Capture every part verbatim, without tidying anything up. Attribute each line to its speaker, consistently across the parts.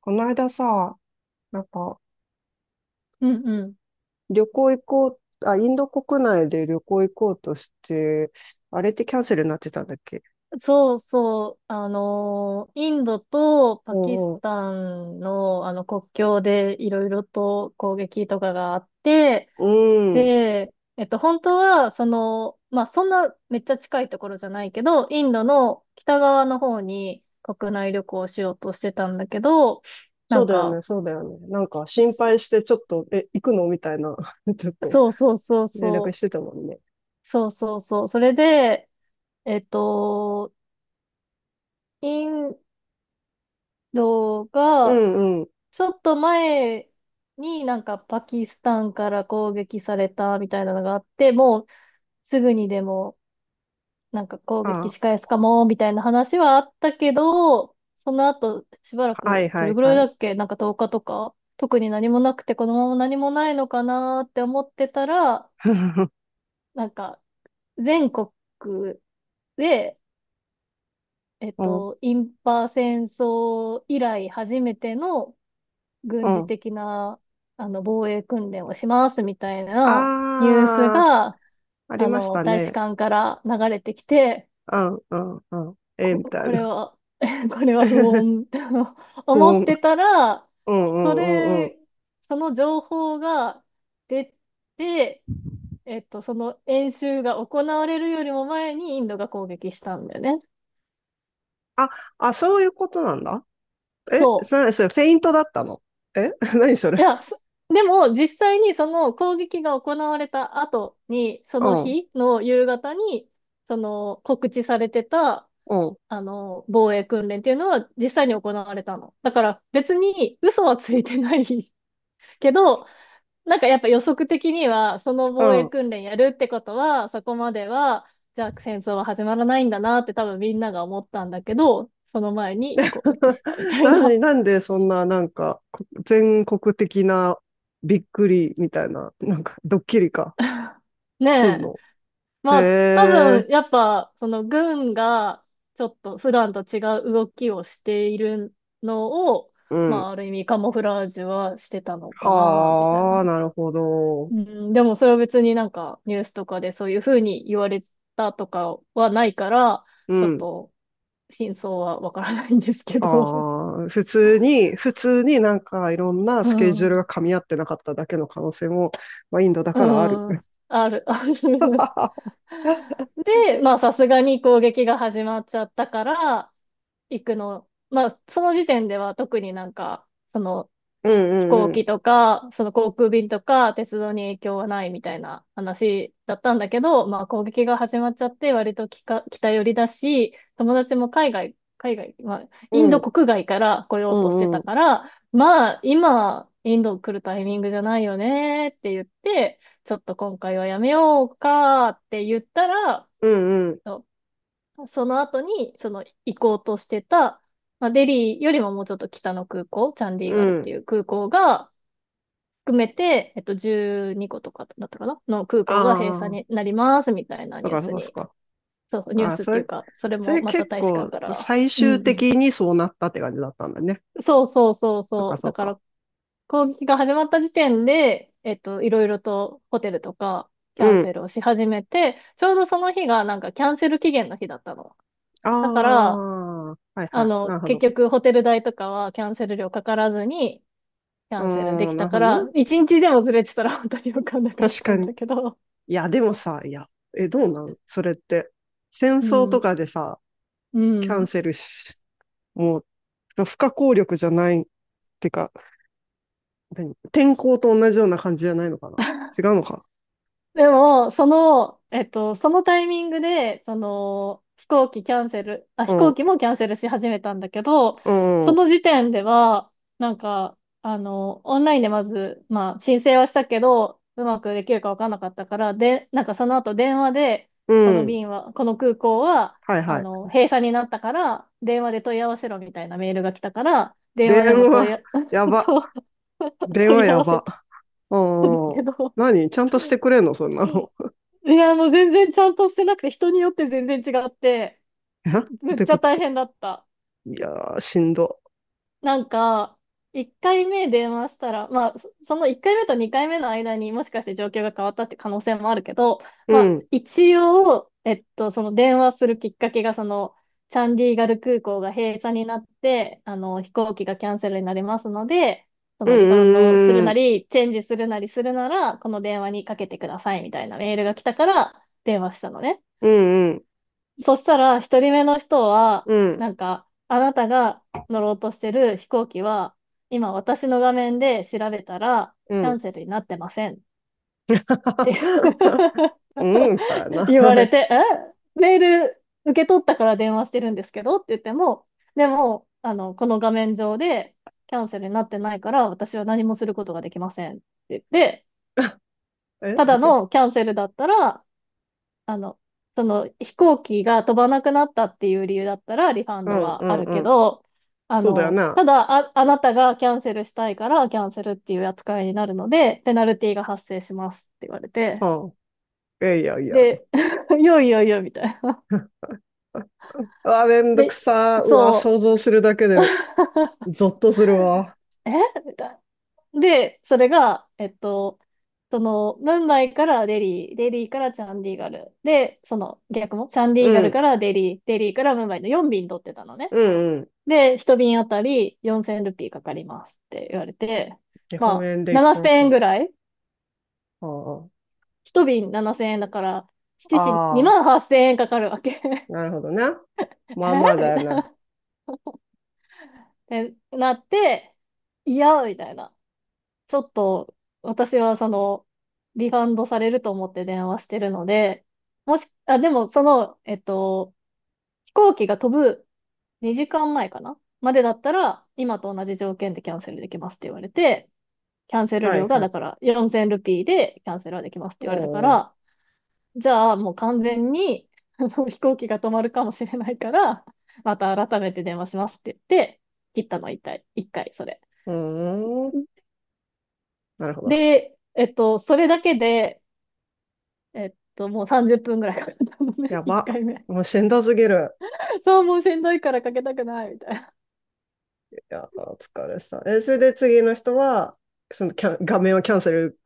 Speaker 1: この間さ、なんか、
Speaker 2: うんうん。
Speaker 1: 旅行行こう、あ、インド国内で旅行行こうとして、あれってキャンセルになってたんだっけ？
Speaker 2: そうそう。あのー、インドと
Speaker 1: う
Speaker 2: パキ
Speaker 1: ん
Speaker 2: ス
Speaker 1: うん。
Speaker 2: タンの、あの国境でいろいろと攻撃とかがあって、
Speaker 1: うん。
Speaker 2: で、えっと、本当は、その、まあ、そんなめっちゃ近いところじゃないけど、インドの北側の方に国内旅行をしようとしてたんだけど、な
Speaker 1: そう
Speaker 2: ん
Speaker 1: だよ
Speaker 2: か、
Speaker 1: ね、そうだよね。なんか心
Speaker 2: す
Speaker 1: 配して、ちょっと、え、行くのみたいな、ちょっと
Speaker 2: そうそうそう
Speaker 1: 連絡
Speaker 2: そ
Speaker 1: してたもんね。
Speaker 2: う、そうそうそう、それで、えっと、インド
Speaker 1: う
Speaker 2: が、
Speaker 1: んうん。
Speaker 2: ちょっと前になんかパキスタンから攻撃されたみたいなのがあって、もうすぐにでもなんか攻撃
Speaker 1: あ、
Speaker 2: 仕返すかもみたいな話はあったけど、その後しばら
Speaker 1: はい
Speaker 2: くど
Speaker 1: は
Speaker 2: れ
Speaker 1: い
Speaker 2: ぐらい
Speaker 1: は
Speaker 2: だ
Speaker 1: い。
Speaker 2: っけなんかとおかとか特に何もなくてこのまま何もないのかなーって思ってたら、なんか全国で、えっ
Speaker 1: うん
Speaker 2: と、インパ戦争以来初めての
Speaker 1: う
Speaker 2: 軍事
Speaker 1: ん。
Speaker 2: 的な、あの、防衛訓練をしますみたいなニュース
Speaker 1: ああ、
Speaker 2: が、
Speaker 1: あり
Speaker 2: あ
Speaker 1: まし
Speaker 2: の、
Speaker 1: た
Speaker 2: 大使
Speaker 1: ね。
Speaker 2: 館から流れてきて、
Speaker 1: うんうんうん。え、み
Speaker 2: こ、
Speaker 1: たい
Speaker 2: これ
Speaker 1: な。
Speaker 2: は、これは不穏っ て
Speaker 1: 不
Speaker 2: 思って
Speaker 1: 穏。
Speaker 2: たら、
Speaker 1: うんう
Speaker 2: そ
Speaker 1: んうんうん。
Speaker 2: れ、その情報が出て、えっと、その演習が行われるよりも前にインドが攻撃したんだよね。
Speaker 1: あ、あ、そういうことなんだ。え、
Speaker 2: そう。
Speaker 1: それ、それ、フェイントだったの？え 何それ？
Speaker 2: いや、そでも実際にその攻撃が行われた後に、そ
Speaker 1: う
Speaker 2: の
Speaker 1: ん、
Speaker 2: 日の夕方に、その告知されてた、
Speaker 1: うん、
Speaker 2: あの、防衛訓練っていうのは実際に行われたの。だから別に嘘はついてない けど、なんかやっぱ予測的には、その
Speaker 1: う
Speaker 2: 防衛
Speaker 1: ん。
Speaker 2: 訓練やるってことは、そこまでは、じゃあ戦争は始まらないんだなって多分みんなが思ったんだけど、その前に攻撃 したみたい
Speaker 1: なんで、
Speaker 2: な。
Speaker 1: なんでそんな、なんか、こ全国的なびっくりみたいな、なんか、ドッキリか、
Speaker 2: ね
Speaker 1: すん
Speaker 2: え。
Speaker 1: の？へ
Speaker 2: まあ、多分、
Speaker 1: え、
Speaker 2: やっぱ、その軍が、ちょっと普段と違う動きをしているのを、
Speaker 1: う
Speaker 2: ま
Speaker 1: ん。
Speaker 2: あ、ある意味カモフラージュはしてたのかな、みたい
Speaker 1: はあ、
Speaker 2: な。
Speaker 1: なるほど。
Speaker 2: うん、でもそれは別になんかニュースとかでそういうふうに言われたとかはないから、
Speaker 1: う
Speaker 2: ちょっ
Speaker 1: ん。
Speaker 2: と真相はわからないんですけど。
Speaker 1: ああ、普通に、普通になんかいろん な
Speaker 2: う
Speaker 1: スケジュールが
Speaker 2: ん。
Speaker 1: 噛み合ってなかっただけの可能性も、まあ、インドだ
Speaker 2: う
Speaker 1: からある。
Speaker 2: ん。ある、ある。で、まあさすがに攻撃が始まっちゃったから、行くの、まあ、その時点では特になんか、その
Speaker 1: うん
Speaker 2: 飛
Speaker 1: う
Speaker 2: 行
Speaker 1: んうん。
Speaker 2: 機とか、その航空便とか、鉄道に影響はないみたいな話だったんだけど、まあ、攻撃が始まっちゃって、割ときか北寄りだし、友達も海外、海外、まあ、
Speaker 1: う
Speaker 2: インド
Speaker 1: ん。
Speaker 2: 国外から来よ
Speaker 1: う
Speaker 2: うとして
Speaker 1: んう
Speaker 2: たか
Speaker 1: ん。
Speaker 2: ら、まあ、今、インド来るタイミングじゃないよねって言って、ちょっと今回はやめようかって言ったら、
Speaker 1: うんうん。
Speaker 2: その後に、その行こうとしてた、まあ、デリーよりももうちょっと北の空港、チャンディーガ
Speaker 1: う
Speaker 2: ルっ
Speaker 1: ん。
Speaker 2: ていう空港が含めて、えっと、じゅうにことかだったかなの空港が閉鎖
Speaker 1: ああ、
Speaker 2: になりますみたいな
Speaker 1: そう
Speaker 2: ニュー
Speaker 1: かそう
Speaker 2: ス
Speaker 1: かそう
Speaker 2: に、
Speaker 1: か。
Speaker 2: そうそう、ニュー
Speaker 1: ああ、
Speaker 2: スっ
Speaker 1: そ
Speaker 2: ていう
Speaker 1: れ、
Speaker 2: か、それ
Speaker 1: そ
Speaker 2: も
Speaker 1: れ
Speaker 2: また
Speaker 1: 結
Speaker 2: 大使館
Speaker 1: 構
Speaker 2: から、
Speaker 1: 最
Speaker 2: う
Speaker 1: 終
Speaker 2: ん、
Speaker 1: 的にそうなったって感じだったんだね。
Speaker 2: そうそうそう
Speaker 1: そうか
Speaker 2: そう、
Speaker 1: そ
Speaker 2: だ
Speaker 1: う
Speaker 2: か
Speaker 1: か。
Speaker 2: ら攻撃が始まった時点で、えっと、いろいろとホテルとかキャン
Speaker 1: うん。
Speaker 2: セルをし始めて、ちょうどその日がなんかキャンセル期限の日だったの。
Speaker 1: あ
Speaker 2: だから、
Speaker 1: あ、はい
Speaker 2: あ
Speaker 1: はい。
Speaker 2: の、
Speaker 1: なるほ
Speaker 2: 結
Speaker 1: ど。
Speaker 2: 局ホテル代とかはキャンセル料かからずにキ
Speaker 1: う
Speaker 2: ャンセルで
Speaker 1: ー
Speaker 2: き
Speaker 1: ん、な
Speaker 2: た
Speaker 1: るほ
Speaker 2: か
Speaker 1: どね。
Speaker 2: ら、いちにちでもずれてたら本当に分かんなかっ
Speaker 1: 確
Speaker 2: た
Speaker 1: か
Speaker 2: ん
Speaker 1: に。
Speaker 2: だけど、
Speaker 1: いや、でもさ、いや、え、どうなんそれって？戦
Speaker 2: う
Speaker 1: 争と
Speaker 2: ん、
Speaker 1: かでさ、
Speaker 2: う
Speaker 1: キャン
Speaker 2: ん。
Speaker 1: セルし、もう、不可抗力じゃない？てか、何、天候と同じような感じじゃないのかな？違うのか？
Speaker 2: でも、その、えっと、そのタイミングで、その、飛行機キャンセル、あ、
Speaker 1: う
Speaker 2: 飛行
Speaker 1: ん、
Speaker 2: 機もキャンセルし始めたんだけど、
Speaker 1: う
Speaker 2: そ
Speaker 1: ん、
Speaker 2: の時点では、なんか、あの、オンラインでまず、まあ、申請はしたけど、うまくできるかわかんなかったから、で、なんかその後電話で、
Speaker 1: う
Speaker 2: この
Speaker 1: ん。
Speaker 2: 便は、この空港は、
Speaker 1: はい
Speaker 2: あ
Speaker 1: はい。
Speaker 2: の、閉鎖になったから、電話で問い合わせろみたいなメールが来たから、電
Speaker 1: 電
Speaker 2: 話でも問
Speaker 1: 話、
Speaker 2: い合、
Speaker 1: や ば。
Speaker 2: そう
Speaker 1: 電
Speaker 2: 問
Speaker 1: 話
Speaker 2: い合
Speaker 1: や
Speaker 2: わせ
Speaker 1: ば。
Speaker 2: た
Speaker 1: う
Speaker 2: んだけ
Speaker 1: ん。
Speaker 2: ど
Speaker 1: 何、ちゃんとしてくれんのそんなの？
Speaker 2: いや、もう全然ちゃんとしてなくて、人によって全然違って、
Speaker 1: え、っ
Speaker 2: めっ
Speaker 1: て
Speaker 2: ち
Speaker 1: こ
Speaker 2: ゃ大
Speaker 1: と？
Speaker 2: 変だった。
Speaker 1: いやー、しんど。
Speaker 2: なんか、いっかいめ電話したら、まあ、そそのいっかいめとにかいめの間にもしかして状況が変わったって可能性もあるけど、
Speaker 1: う
Speaker 2: まあ、
Speaker 1: ん。
Speaker 2: 一応、えっと、その電話するきっかけが、その、チャンディーガル空港が閉鎖になって、あの、飛行機がキャンセルになりますので、そ
Speaker 1: う
Speaker 2: のリファンドする
Speaker 1: んう
Speaker 2: な
Speaker 1: ん
Speaker 2: り、チェンジするなりするなら、この電話にかけてくださいみたいなメールが来たから、電話したのね。
Speaker 1: うんうん。
Speaker 2: そしたら、ひとりめの人は、
Speaker 1: うんうん。
Speaker 2: なんか、あなたが乗ろうとしてる飛行機は、今私の画面で調べたら、
Speaker 1: うん。
Speaker 2: キ
Speaker 1: う
Speaker 2: ャ
Speaker 1: ん。
Speaker 2: ンセルになってませんって
Speaker 1: うん。だよ な。
Speaker 2: 言われて、えメール受け取ったから電話してるんですけどって言っても、でも、あの、この画面上でキャンセルになってないから、私は何もすることができませんって言って、
Speaker 1: え
Speaker 2: ただ
Speaker 1: で、
Speaker 2: のキャンセルだったら、あの、その飛行機が飛ばなくなったっていう理由だったらリファン
Speaker 1: う
Speaker 2: ド
Speaker 1: んう
Speaker 2: はあ
Speaker 1: ん
Speaker 2: る
Speaker 1: う
Speaker 2: け
Speaker 1: ん。
Speaker 2: ど、あ
Speaker 1: そうだよ
Speaker 2: の、
Speaker 1: ね。は
Speaker 2: ただあ、あなたがキャンセルしたいからキャンセルっていう扱いになるので、ペナルティが発生しますって言われて、
Speaker 1: あ。いやいやいや、と。
Speaker 2: で、いよいよいよみたいな。
Speaker 1: うわ、めんどく
Speaker 2: で、
Speaker 1: さ。うわ、想
Speaker 2: そ
Speaker 1: 像するだけ
Speaker 2: う。
Speaker 1: で ゾッとするわ。
Speaker 2: えみたいな。で、それが、えっと、その、ムンバイからデリー、デリーからチャンディーガル、で、その逆も、チャンデ
Speaker 1: う
Speaker 2: ィーガル
Speaker 1: ん。
Speaker 2: からデリー、デリーからムンバイのよん便取ってたのね。
Speaker 1: うんうん。
Speaker 2: で、一瓶あたりよんせんルピーかかりますって言われて、
Speaker 1: 日本
Speaker 2: まあ、
Speaker 1: 円でいくら
Speaker 2: ななせんえん
Speaker 1: か？
Speaker 2: ぐらい
Speaker 1: は
Speaker 2: 一瓶ななせんえんだから、
Speaker 1: あ
Speaker 2: しちじ
Speaker 1: あ。あ
Speaker 2: にまん
Speaker 1: あ。
Speaker 2: はっせんえんかかるわけ。
Speaker 1: なるほどな。まあまあ
Speaker 2: えみ
Speaker 1: だ
Speaker 2: たいな。
Speaker 1: な。
Speaker 2: ってなって、いや、みたいな。ちょっと、私はその、リファンドされると思って電話してるので、もし、あ、でもその、えっと、飛行機が飛ぶにじかんまえかなまでだったら、今と同じ条件でキャンセルできますって言われて、キャンセル
Speaker 1: は
Speaker 2: 料
Speaker 1: い
Speaker 2: が、
Speaker 1: は
Speaker 2: だ
Speaker 1: い。
Speaker 2: からよんせんルピーでキャンセルはできますって言
Speaker 1: う
Speaker 2: われたか
Speaker 1: んうん。う
Speaker 2: ら、じゃあもう完全にあの 飛行機が止まるかもしれないから、また改めて電話しますって言って、切ったのいっかい、いっかい、それ。
Speaker 1: んうん。なるほど。
Speaker 2: で、えっと、それだけで、えっと、もうさんじゅっぷんぐらいかかったのね、
Speaker 1: や
Speaker 2: 一
Speaker 1: ば。
Speaker 2: 回目。
Speaker 1: もうしんどすぎる。
Speaker 2: そう、もうしんどいからかけたくない、みたいな。
Speaker 1: いや、お疲れさ。え、それで次の人は、そのキャン、画面をキャンセル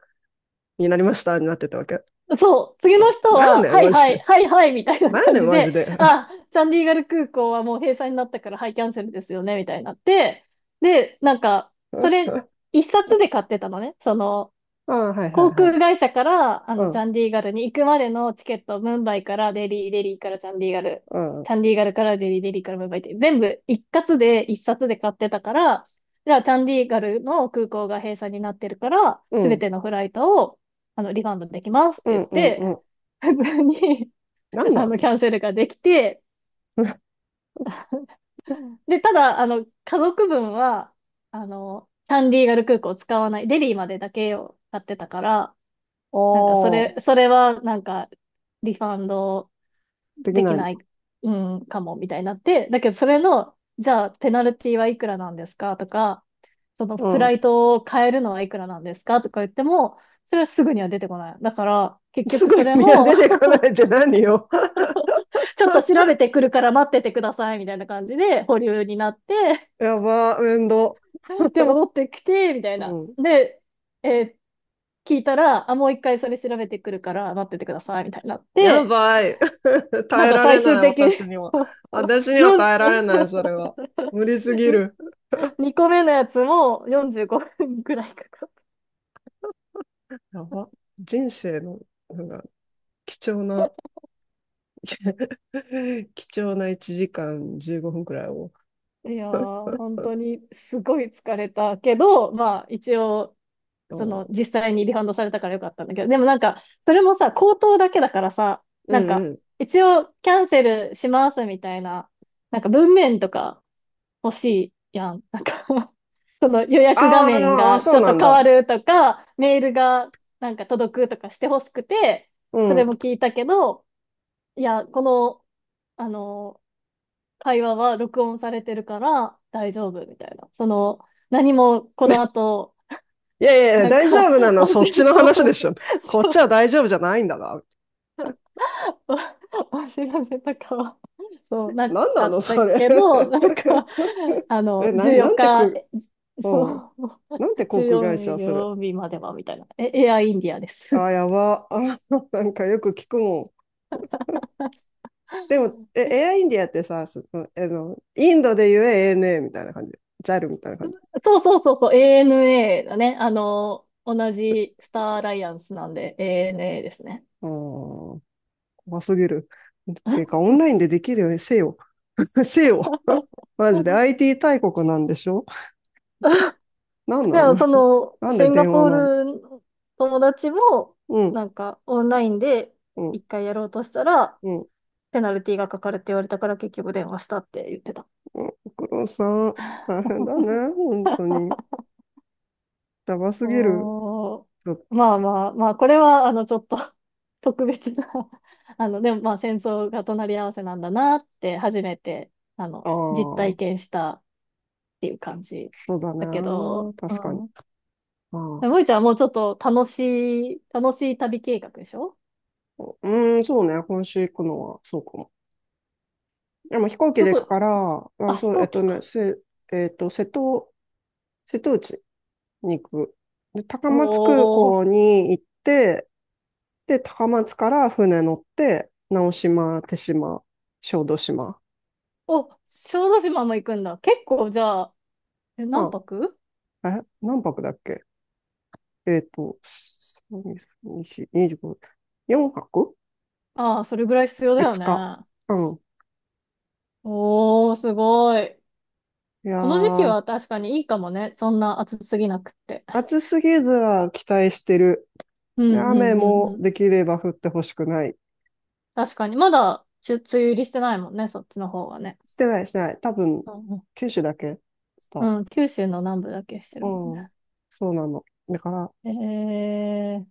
Speaker 1: になりましたになってたわけ？
Speaker 2: そう、次の
Speaker 1: あ、
Speaker 2: 人
Speaker 1: なん
Speaker 2: は、
Speaker 1: だよ、
Speaker 2: はい
Speaker 1: マ
Speaker 2: は
Speaker 1: ジ
Speaker 2: い、
Speaker 1: で。
Speaker 2: はいはい、みたいな
Speaker 1: なんだ
Speaker 2: 感
Speaker 1: よ、
Speaker 2: じ
Speaker 1: マジ
Speaker 2: で、
Speaker 1: で。
Speaker 2: あ、チャンディーガル空港はもう閉鎖になったから、はい、キャンセルですよね、みたいになって、で、なんか、それ、いっさつで買ってたのね。その、
Speaker 1: あ、はいは
Speaker 2: 航
Speaker 1: いは
Speaker 2: 空
Speaker 1: い。
Speaker 2: 会社から、あ
Speaker 1: う
Speaker 2: の、チ
Speaker 1: ん、
Speaker 2: ャンディーガルに行くまでのチケット、ムンバイからデリー、デリーからチャンディーガル、
Speaker 1: うん、う
Speaker 2: チャンディーガルからデリー、デリーからムンバイって、全部一括で一冊で買ってたから、じゃあ、チャンディーガルの空港が閉鎖になってるから、
Speaker 1: ん、
Speaker 2: すべてのフライトを、あの、リファンドできますっ
Speaker 1: う
Speaker 2: て言
Speaker 1: ん、
Speaker 2: っ
Speaker 1: うん、う
Speaker 2: て、
Speaker 1: ん。
Speaker 2: 普通に、
Speaker 1: なんな
Speaker 2: あ
Speaker 1: ん？
Speaker 2: の、キャンセルができて、で、ただ、あの、家族分は、あの、サンディーガル空港を使わない、デリーまでだけを買ってたから、なんか、そ
Speaker 1: おー、
Speaker 2: れ、それは、なんか、リファンド
Speaker 1: でき
Speaker 2: でき
Speaker 1: ない。
Speaker 2: ない、うん、かも、みたいになって、だけど、それの、じゃあ、ペナルティはいくらなんですかとか、その、
Speaker 1: う
Speaker 2: フラ
Speaker 1: ん。
Speaker 2: イトを変えるのはいくらなんですかとか言っても、それはすぐには出てこない。だから、結
Speaker 1: す
Speaker 2: 局
Speaker 1: ごい、
Speaker 2: それ
Speaker 1: いや、
Speaker 2: も
Speaker 1: 出てこないって何よ？
Speaker 2: ちょっと調べてくるから待っててください、みたいな感じで保留になって、
Speaker 1: やば、面倒。
Speaker 2: で、戻ってきて、みたい
Speaker 1: う
Speaker 2: な。
Speaker 1: ん。
Speaker 2: で、えー聞いたら、あ、もう一回それ調べてくるから待っててください、みたいになっ
Speaker 1: や
Speaker 2: て、
Speaker 1: ばい。
Speaker 2: な
Speaker 1: 耐
Speaker 2: ん
Speaker 1: え
Speaker 2: か
Speaker 1: られ
Speaker 2: 最
Speaker 1: な
Speaker 2: 終
Speaker 1: い、
Speaker 2: 的に
Speaker 1: 私には。私には
Speaker 2: よん、
Speaker 1: 耐えられない、それは。無理すぎる。
Speaker 2: にこめのやつもよんじゅうごふんくらいかかっ
Speaker 1: やば。人生の、なんか、貴重な、貴重ないちじかんじゅうごふんくらいを。
Speaker 2: た。いやー、本当にすごい疲れたけど、まあ一応
Speaker 1: あ
Speaker 2: その、
Speaker 1: ー、
Speaker 2: 実際にリファンドされたからよかったんだけど、でもなんか、それもさ、口頭だけだからさ、
Speaker 1: う
Speaker 2: なん
Speaker 1: ん
Speaker 2: か、
Speaker 1: うん。
Speaker 2: 一応キャンセルしますみたいな、なんか文面とか欲しいやん。なんか その予約画
Speaker 1: あー、
Speaker 2: 面
Speaker 1: あー、
Speaker 2: が
Speaker 1: そ
Speaker 2: ち
Speaker 1: う
Speaker 2: ょっ
Speaker 1: な
Speaker 2: と
Speaker 1: ん
Speaker 2: 変
Speaker 1: だ。
Speaker 2: わるとか、メールがなんか届くとかして欲しくて、
Speaker 1: う
Speaker 2: それ
Speaker 1: ん。
Speaker 2: も聞いたけど、いや、この、あの、会話は録音されてるから大丈夫みたいな。その、何もこの後、
Speaker 1: いやいやいや、
Speaker 2: なん
Speaker 1: 大丈
Speaker 2: か、
Speaker 1: 夫なのは
Speaker 2: 音
Speaker 1: そ
Speaker 2: 声
Speaker 1: っちの話で
Speaker 2: の
Speaker 1: しょ。こっ
Speaker 2: そ
Speaker 1: ち
Speaker 2: う
Speaker 1: は大丈夫じゃないんだが。
Speaker 2: わ 知らせとかは、そう、な
Speaker 1: なん
Speaker 2: か
Speaker 1: な
Speaker 2: っ
Speaker 1: の、
Speaker 2: た
Speaker 1: それ？
Speaker 2: けど、な んか、あの、
Speaker 1: え、な
Speaker 2: 14
Speaker 1: ん、なんて
Speaker 2: 日、
Speaker 1: く、
Speaker 2: え
Speaker 1: うん。
Speaker 2: そう、
Speaker 1: なんて航空会
Speaker 2: じゅうよん営
Speaker 1: 社、それ？
Speaker 2: 業日までは、みたいな。え、エアインディアです。
Speaker 1: あー、やば。あー、なんかよく聞くもん。でも、え、
Speaker 2: え
Speaker 1: エアインディアってさ、その、あの、インドで言え エーエヌエー みたいな感じ。ジャルみたいな感じ。
Speaker 2: そうそうそうそう、エーエヌエー だね。あの、同じスターアライアンスなんで、エーエヌエー ですね。
Speaker 1: うー怖すぎる。っていうか、オンラインでできるよね、せよ。せよ。マジで アイティー 大国なんでしょ？なんな
Speaker 2: で
Speaker 1: の？
Speaker 2: も、そ の、
Speaker 1: なんで
Speaker 2: シンガ
Speaker 1: 電話
Speaker 2: ポー
Speaker 1: なん？
Speaker 2: ルの友達も、
Speaker 1: うん、
Speaker 2: なんか、オンラインで
Speaker 1: うん、
Speaker 2: 一回やろうとしたら、
Speaker 1: うん、うん。
Speaker 2: ペナルティがかかるって言われたから結局電話したって言ってた。
Speaker 1: ご苦労さん、大変だ ね、本当に。やばすぎる。
Speaker 2: おー、
Speaker 1: ちょっと、
Speaker 2: まあまあまあ、これは、あの、ちょっと 特別な あの、でもまあ、戦争が隣り合わせなんだなって、初めて、あの、実
Speaker 1: あ
Speaker 2: 体
Speaker 1: あ、
Speaker 2: 験したっていう感じ
Speaker 1: そうだ
Speaker 2: だけ
Speaker 1: ね。
Speaker 2: ど、う
Speaker 1: 確かに。
Speaker 2: ん。
Speaker 1: ああ、
Speaker 2: でもいちゃんはもうちょっと楽しい、楽しい旅計画でしょ？
Speaker 1: うーん、そうね、今週行くのは、そうかも。でも飛行機
Speaker 2: ど
Speaker 1: で行くか
Speaker 2: こ、
Speaker 1: ら、まあ、
Speaker 2: あ、飛
Speaker 1: そう、えっ
Speaker 2: 行
Speaker 1: と
Speaker 2: 機
Speaker 1: ね、
Speaker 2: か。
Speaker 1: せ、えっと、瀬戸、瀬戸内に行く。で、高松空
Speaker 2: おー、
Speaker 1: 港に行って、で、高松から船乗って、直島、手島、小豆島。
Speaker 2: お、小豆島も行くんだ。結構、じゃあ、え何
Speaker 1: あ、
Speaker 2: 泊？
Speaker 1: え、何泊だっけ？えっと、にーご、よんはく
Speaker 2: ああ、それぐらい必要だよ
Speaker 1: ?いつ
Speaker 2: ね。
Speaker 1: 日。うん。
Speaker 2: おー、すごい。
Speaker 1: いや
Speaker 2: この時期
Speaker 1: ー、
Speaker 2: は確かにいいかもね。そんな暑すぎなくって。
Speaker 1: 暑すぎずは期待してる。
Speaker 2: う
Speaker 1: で、
Speaker 2: んう
Speaker 1: 雨
Speaker 2: んうん
Speaker 1: も
Speaker 2: うん。
Speaker 1: できれば降ってほしくない。
Speaker 2: 確かに。まだ、ちゅ梅雨入りしてないもんね。そっちの方はね。
Speaker 1: してない、してない。多分、
Speaker 2: うん
Speaker 1: 九州だけし
Speaker 2: う
Speaker 1: た。
Speaker 2: ん。うん、九州の南部だけして
Speaker 1: う
Speaker 2: るもんね。
Speaker 1: ん。そうなの。だから、
Speaker 2: えー、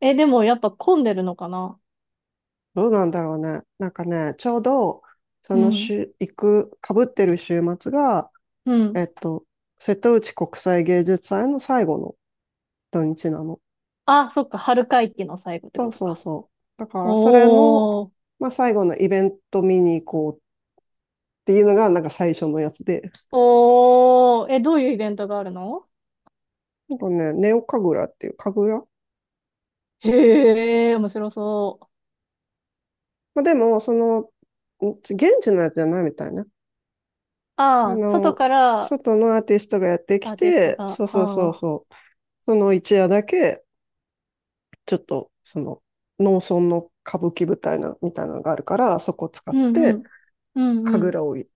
Speaker 2: え、でもやっぱ混んでるのかな？
Speaker 1: どうなんだろうね。なんかね、ちょうど、そ
Speaker 2: う
Speaker 1: の
Speaker 2: ん。
Speaker 1: 週、行く、かぶってる週末が、
Speaker 2: うん。
Speaker 1: えっと、瀬戸内国際芸術祭の最後の土日なの。
Speaker 2: あ、そっか。春会期の最後って
Speaker 1: そ
Speaker 2: こ
Speaker 1: う
Speaker 2: と
Speaker 1: そう
Speaker 2: か。
Speaker 1: そう。だから、それの、
Speaker 2: おー。
Speaker 1: まあ、最後のイベント見に行こうっていうのが、なんか最初のやつで。
Speaker 2: おー。え、どういうイベントがあるの？
Speaker 1: なんかね、ネオ神楽っていう神楽。
Speaker 2: へえ、面白そう。
Speaker 1: まあ、でも、その、ん現地のやつじゃないみたいね。あ
Speaker 2: ああ、外
Speaker 1: の、
Speaker 2: から
Speaker 1: 外のアーティストがやって
Speaker 2: ア
Speaker 1: き
Speaker 2: ーティスト
Speaker 1: て、
Speaker 2: が、は
Speaker 1: そうそうそう
Speaker 2: あ、
Speaker 1: そう、その一夜だけ、ちょっと、その、農村の歌舞伎舞台な、みたいなのがあるから、そこを使っ
Speaker 2: うんう
Speaker 1: て、
Speaker 2: ん、うんう
Speaker 1: 神
Speaker 2: ん。
Speaker 1: 楽をい、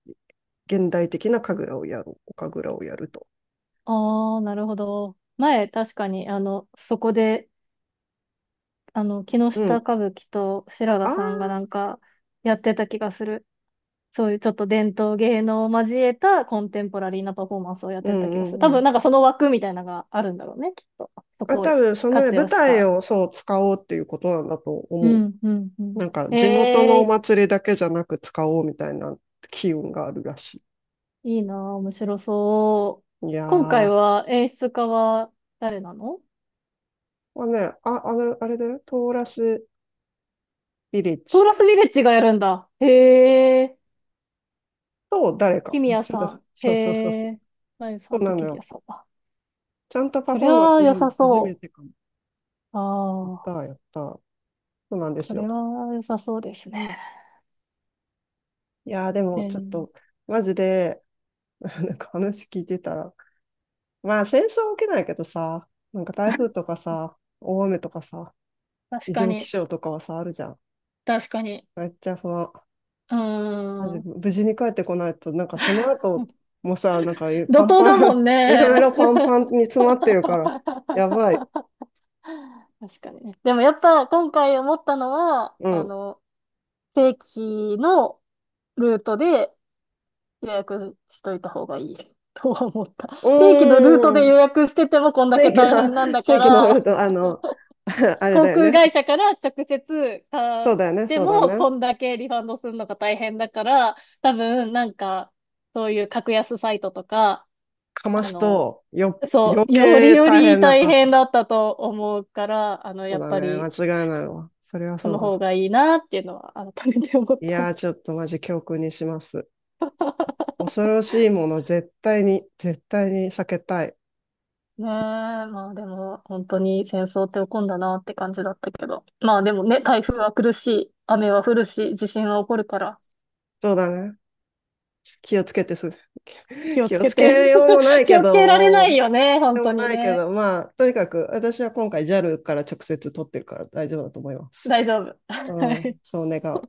Speaker 1: 現代的な神楽をやる、お神楽をやると。
Speaker 2: ああ、なるほど。前、確かに、あの、そこで、あの、木
Speaker 1: う
Speaker 2: 下
Speaker 1: ん。
Speaker 2: 歌舞伎と白田
Speaker 1: あ
Speaker 2: さんが
Speaker 1: あ、
Speaker 2: なんか、やってた気がする。そういうちょっと伝統芸能を交えたコンテンポラリーなパフォーマンスをやっ
Speaker 1: う
Speaker 2: てた
Speaker 1: ん
Speaker 2: 気
Speaker 1: う
Speaker 2: がする。多
Speaker 1: んう
Speaker 2: 分、
Speaker 1: ん。
Speaker 2: なんかその枠みたいなのがあるんだろうね、きっと。そ
Speaker 1: あ、
Speaker 2: こを
Speaker 1: 多分、そのね、
Speaker 2: 活
Speaker 1: 舞
Speaker 2: 用し
Speaker 1: 台
Speaker 2: た。
Speaker 1: をそう使おうっていうことなんだと
Speaker 2: う
Speaker 1: 思
Speaker 2: ん、うん、う
Speaker 1: う。
Speaker 2: ん。
Speaker 1: なんか、地元の
Speaker 2: え
Speaker 1: お
Speaker 2: え
Speaker 1: 祭りだけじゃなく使おうみたいな機運があるらし
Speaker 2: いいなあ、面白そう。
Speaker 1: い。いや
Speaker 2: 今回
Speaker 1: ー。
Speaker 2: は演出家は誰なの？
Speaker 1: まあね、あ、あの、あれだよ、トーラスビレッ
Speaker 2: トー
Speaker 1: ジ
Speaker 2: ラスヴィレッジがやるんだ。へえ。
Speaker 1: と誰か。
Speaker 2: キミヤ
Speaker 1: ちょっ
Speaker 2: さ
Speaker 1: と、
Speaker 2: ん。へ
Speaker 1: そうそうそうそう。
Speaker 2: え。ナインさ
Speaker 1: そう
Speaker 2: んと
Speaker 1: なの
Speaker 2: キミヤ
Speaker 1: よ。
Speaker 2: さんだ。
Speaker 1: ちゃんとパ
Speaker 2: そ
Speaker 1: フ
Speaker 2: り
Speaker 1: ォーマン
Speaker 2: ゃ
Speaker 1: ス
Speaker 2: あ
Speaker 1: 見
Speaker 2: 良
Speaker 1: るの
Speaker 2: さ
Speaker 1: 初め
Speaker 2: そ
Speaker 1: てかも。
Speaker 2: う。
Speaker 1: やっ
Speaker 2: ああ、
Speaker 1: た、やった。そうなんで
Speaker 2: そ
Speaker 1: すよ。
Speaker 2: れは良さそうですね。
Speaker 1: いやー、で
Speaker 2: え
Speaker 1: もちょっ
Speaker 2: ー、
Speaker 1: と、マジで、なんか話聞いてたら、まあ戦争は起きないけどさ、なんか台風とかさ、大雨とかさ、
Speaker 2: 確
Speaker 1: 異
Speaker 2: か
Speaker 1: 常気
Speaker 2: に、
Speaker 1: 象とかはさ、あるじゃん。
Speaker 2: 確かに。
Speaker 1: めっちゃ不安。
Speaker 2: うー
Speaker 1: マジ、
Speaker 2: ん。
Speaker 1: 無事に帰ってこないと、なんかその後 もさ、なんか
Speaker 2: 怒
Speaker 1: パン
Speaker 2: 涛
Speaker 1: パ
Speaker 2: だも
Speaker 1: ン、
Speaker 2: ん
Speaker 1: メロメ
Speaker 2: ね。
Speaker 1: ロパンパン に詰まってるから、やばい。
Speaker 2: 確かにね。でもやっぱ今回思ったのは、
Speaker 1: う
Speaker 2: あ
Speaker 1: ん。
Speaker 2: の、正規のルートで予約しといた方がいい とは思った。
Speaker 1: う
Speaker 2: 正規のルート
Speaker 1: ー
Speaker 2: で
Speaker 1: ん。
Speaker 2: 予約しててもこんだ
Speaker 1: 正
Speaker 2: け
Speaker 1: 規
Speaker 2: 大変なん
Speaker 1: の、
Speaker 2: だ
Speaker 1: 正
Speaker 2: か
Speaker 1: 規のル
Speaker 2: ら、
Speaker 1: ーあの、あれ
Speaker 2: 航
Speaker 1: だよ
Speaker 2: 空
Speaker 1: ね。
Speaker 2: 会社から直接買
Speaker 1: そ
Speaker 2: っ
Speaker 1: うだよね、
Speaker 2: て
Speaker 1: そうだ
Speaker 2: も
Speaker 1: ね。
Speaker 2: こんだけリファンドするのが大変だから、多分なんかそういう格安サイトとか、
Speaker 1: かま
Speaker 2: あ
Speaker 1: す
Speaker 2: の、
Speaker 1: と、よ、
Speaker 2: そ
Speaker 1: 余
Speaker 2: う、より
Speaker 1: 計
Speaker 2: よ
Speaker 1: 大
Speaker 2: り
Speaker 1: 変な
Speaker 2: 大
Speaker 1: こ
Speaker 2: 変
Speaker 1: と。
Speaker 2: だったと思うから、あの、
Speaker 1: そう
Speaker 2: やっ
Speaker 1: だね、
Speaker 2: ぱ
Speaker 1: 間
Speaker 2: り
Speaker 1: 違いないわ。それは
Speaker 2: そ
Speaker 1: そう
Speaker 2: の方
Speaker 1: だ。
Speaker 2: がいいなっていうのは改めて思っ
Speaker 1: い
Speaker 2: た。
Speaker 1: やー、ちょっとマジ教訓にします。恐ろしいもの、絶対に、絶対に避けたい。
Speaker 2: ねえ、まあでも本当に戦争って起こんだなって感じだったけど。まあでもね、台風は来るし、雨は降るし、地震は起こるから、
Speaker 1: そうだね。気をつけてす。
Speaker 2: 気 を
Speaker 1: 気
Speaker 2: つ
Speaker 1: を
Speaker 2: け
Speaker 1: つ
Speaker 2: て。
Speaker 1: けようもな い
Speaker 2: 気
Speaker 1: け
Speaker 2: をつけられな
Speaker 1: ど、
Speaker 2: いよね、
Speaker 1: で
Speaker 2: 本
Speaker 1: も
Speaker 2: 当に
Speaker 1: ないけ
Speaker 2: ね。
Speaker 1: ど、まあ、とにかく、私は今回 ジャル から直接取ってるから大丈夫だと思います。
Speaker 2: 大丈夫。
Speaker 1: うん、そう願う。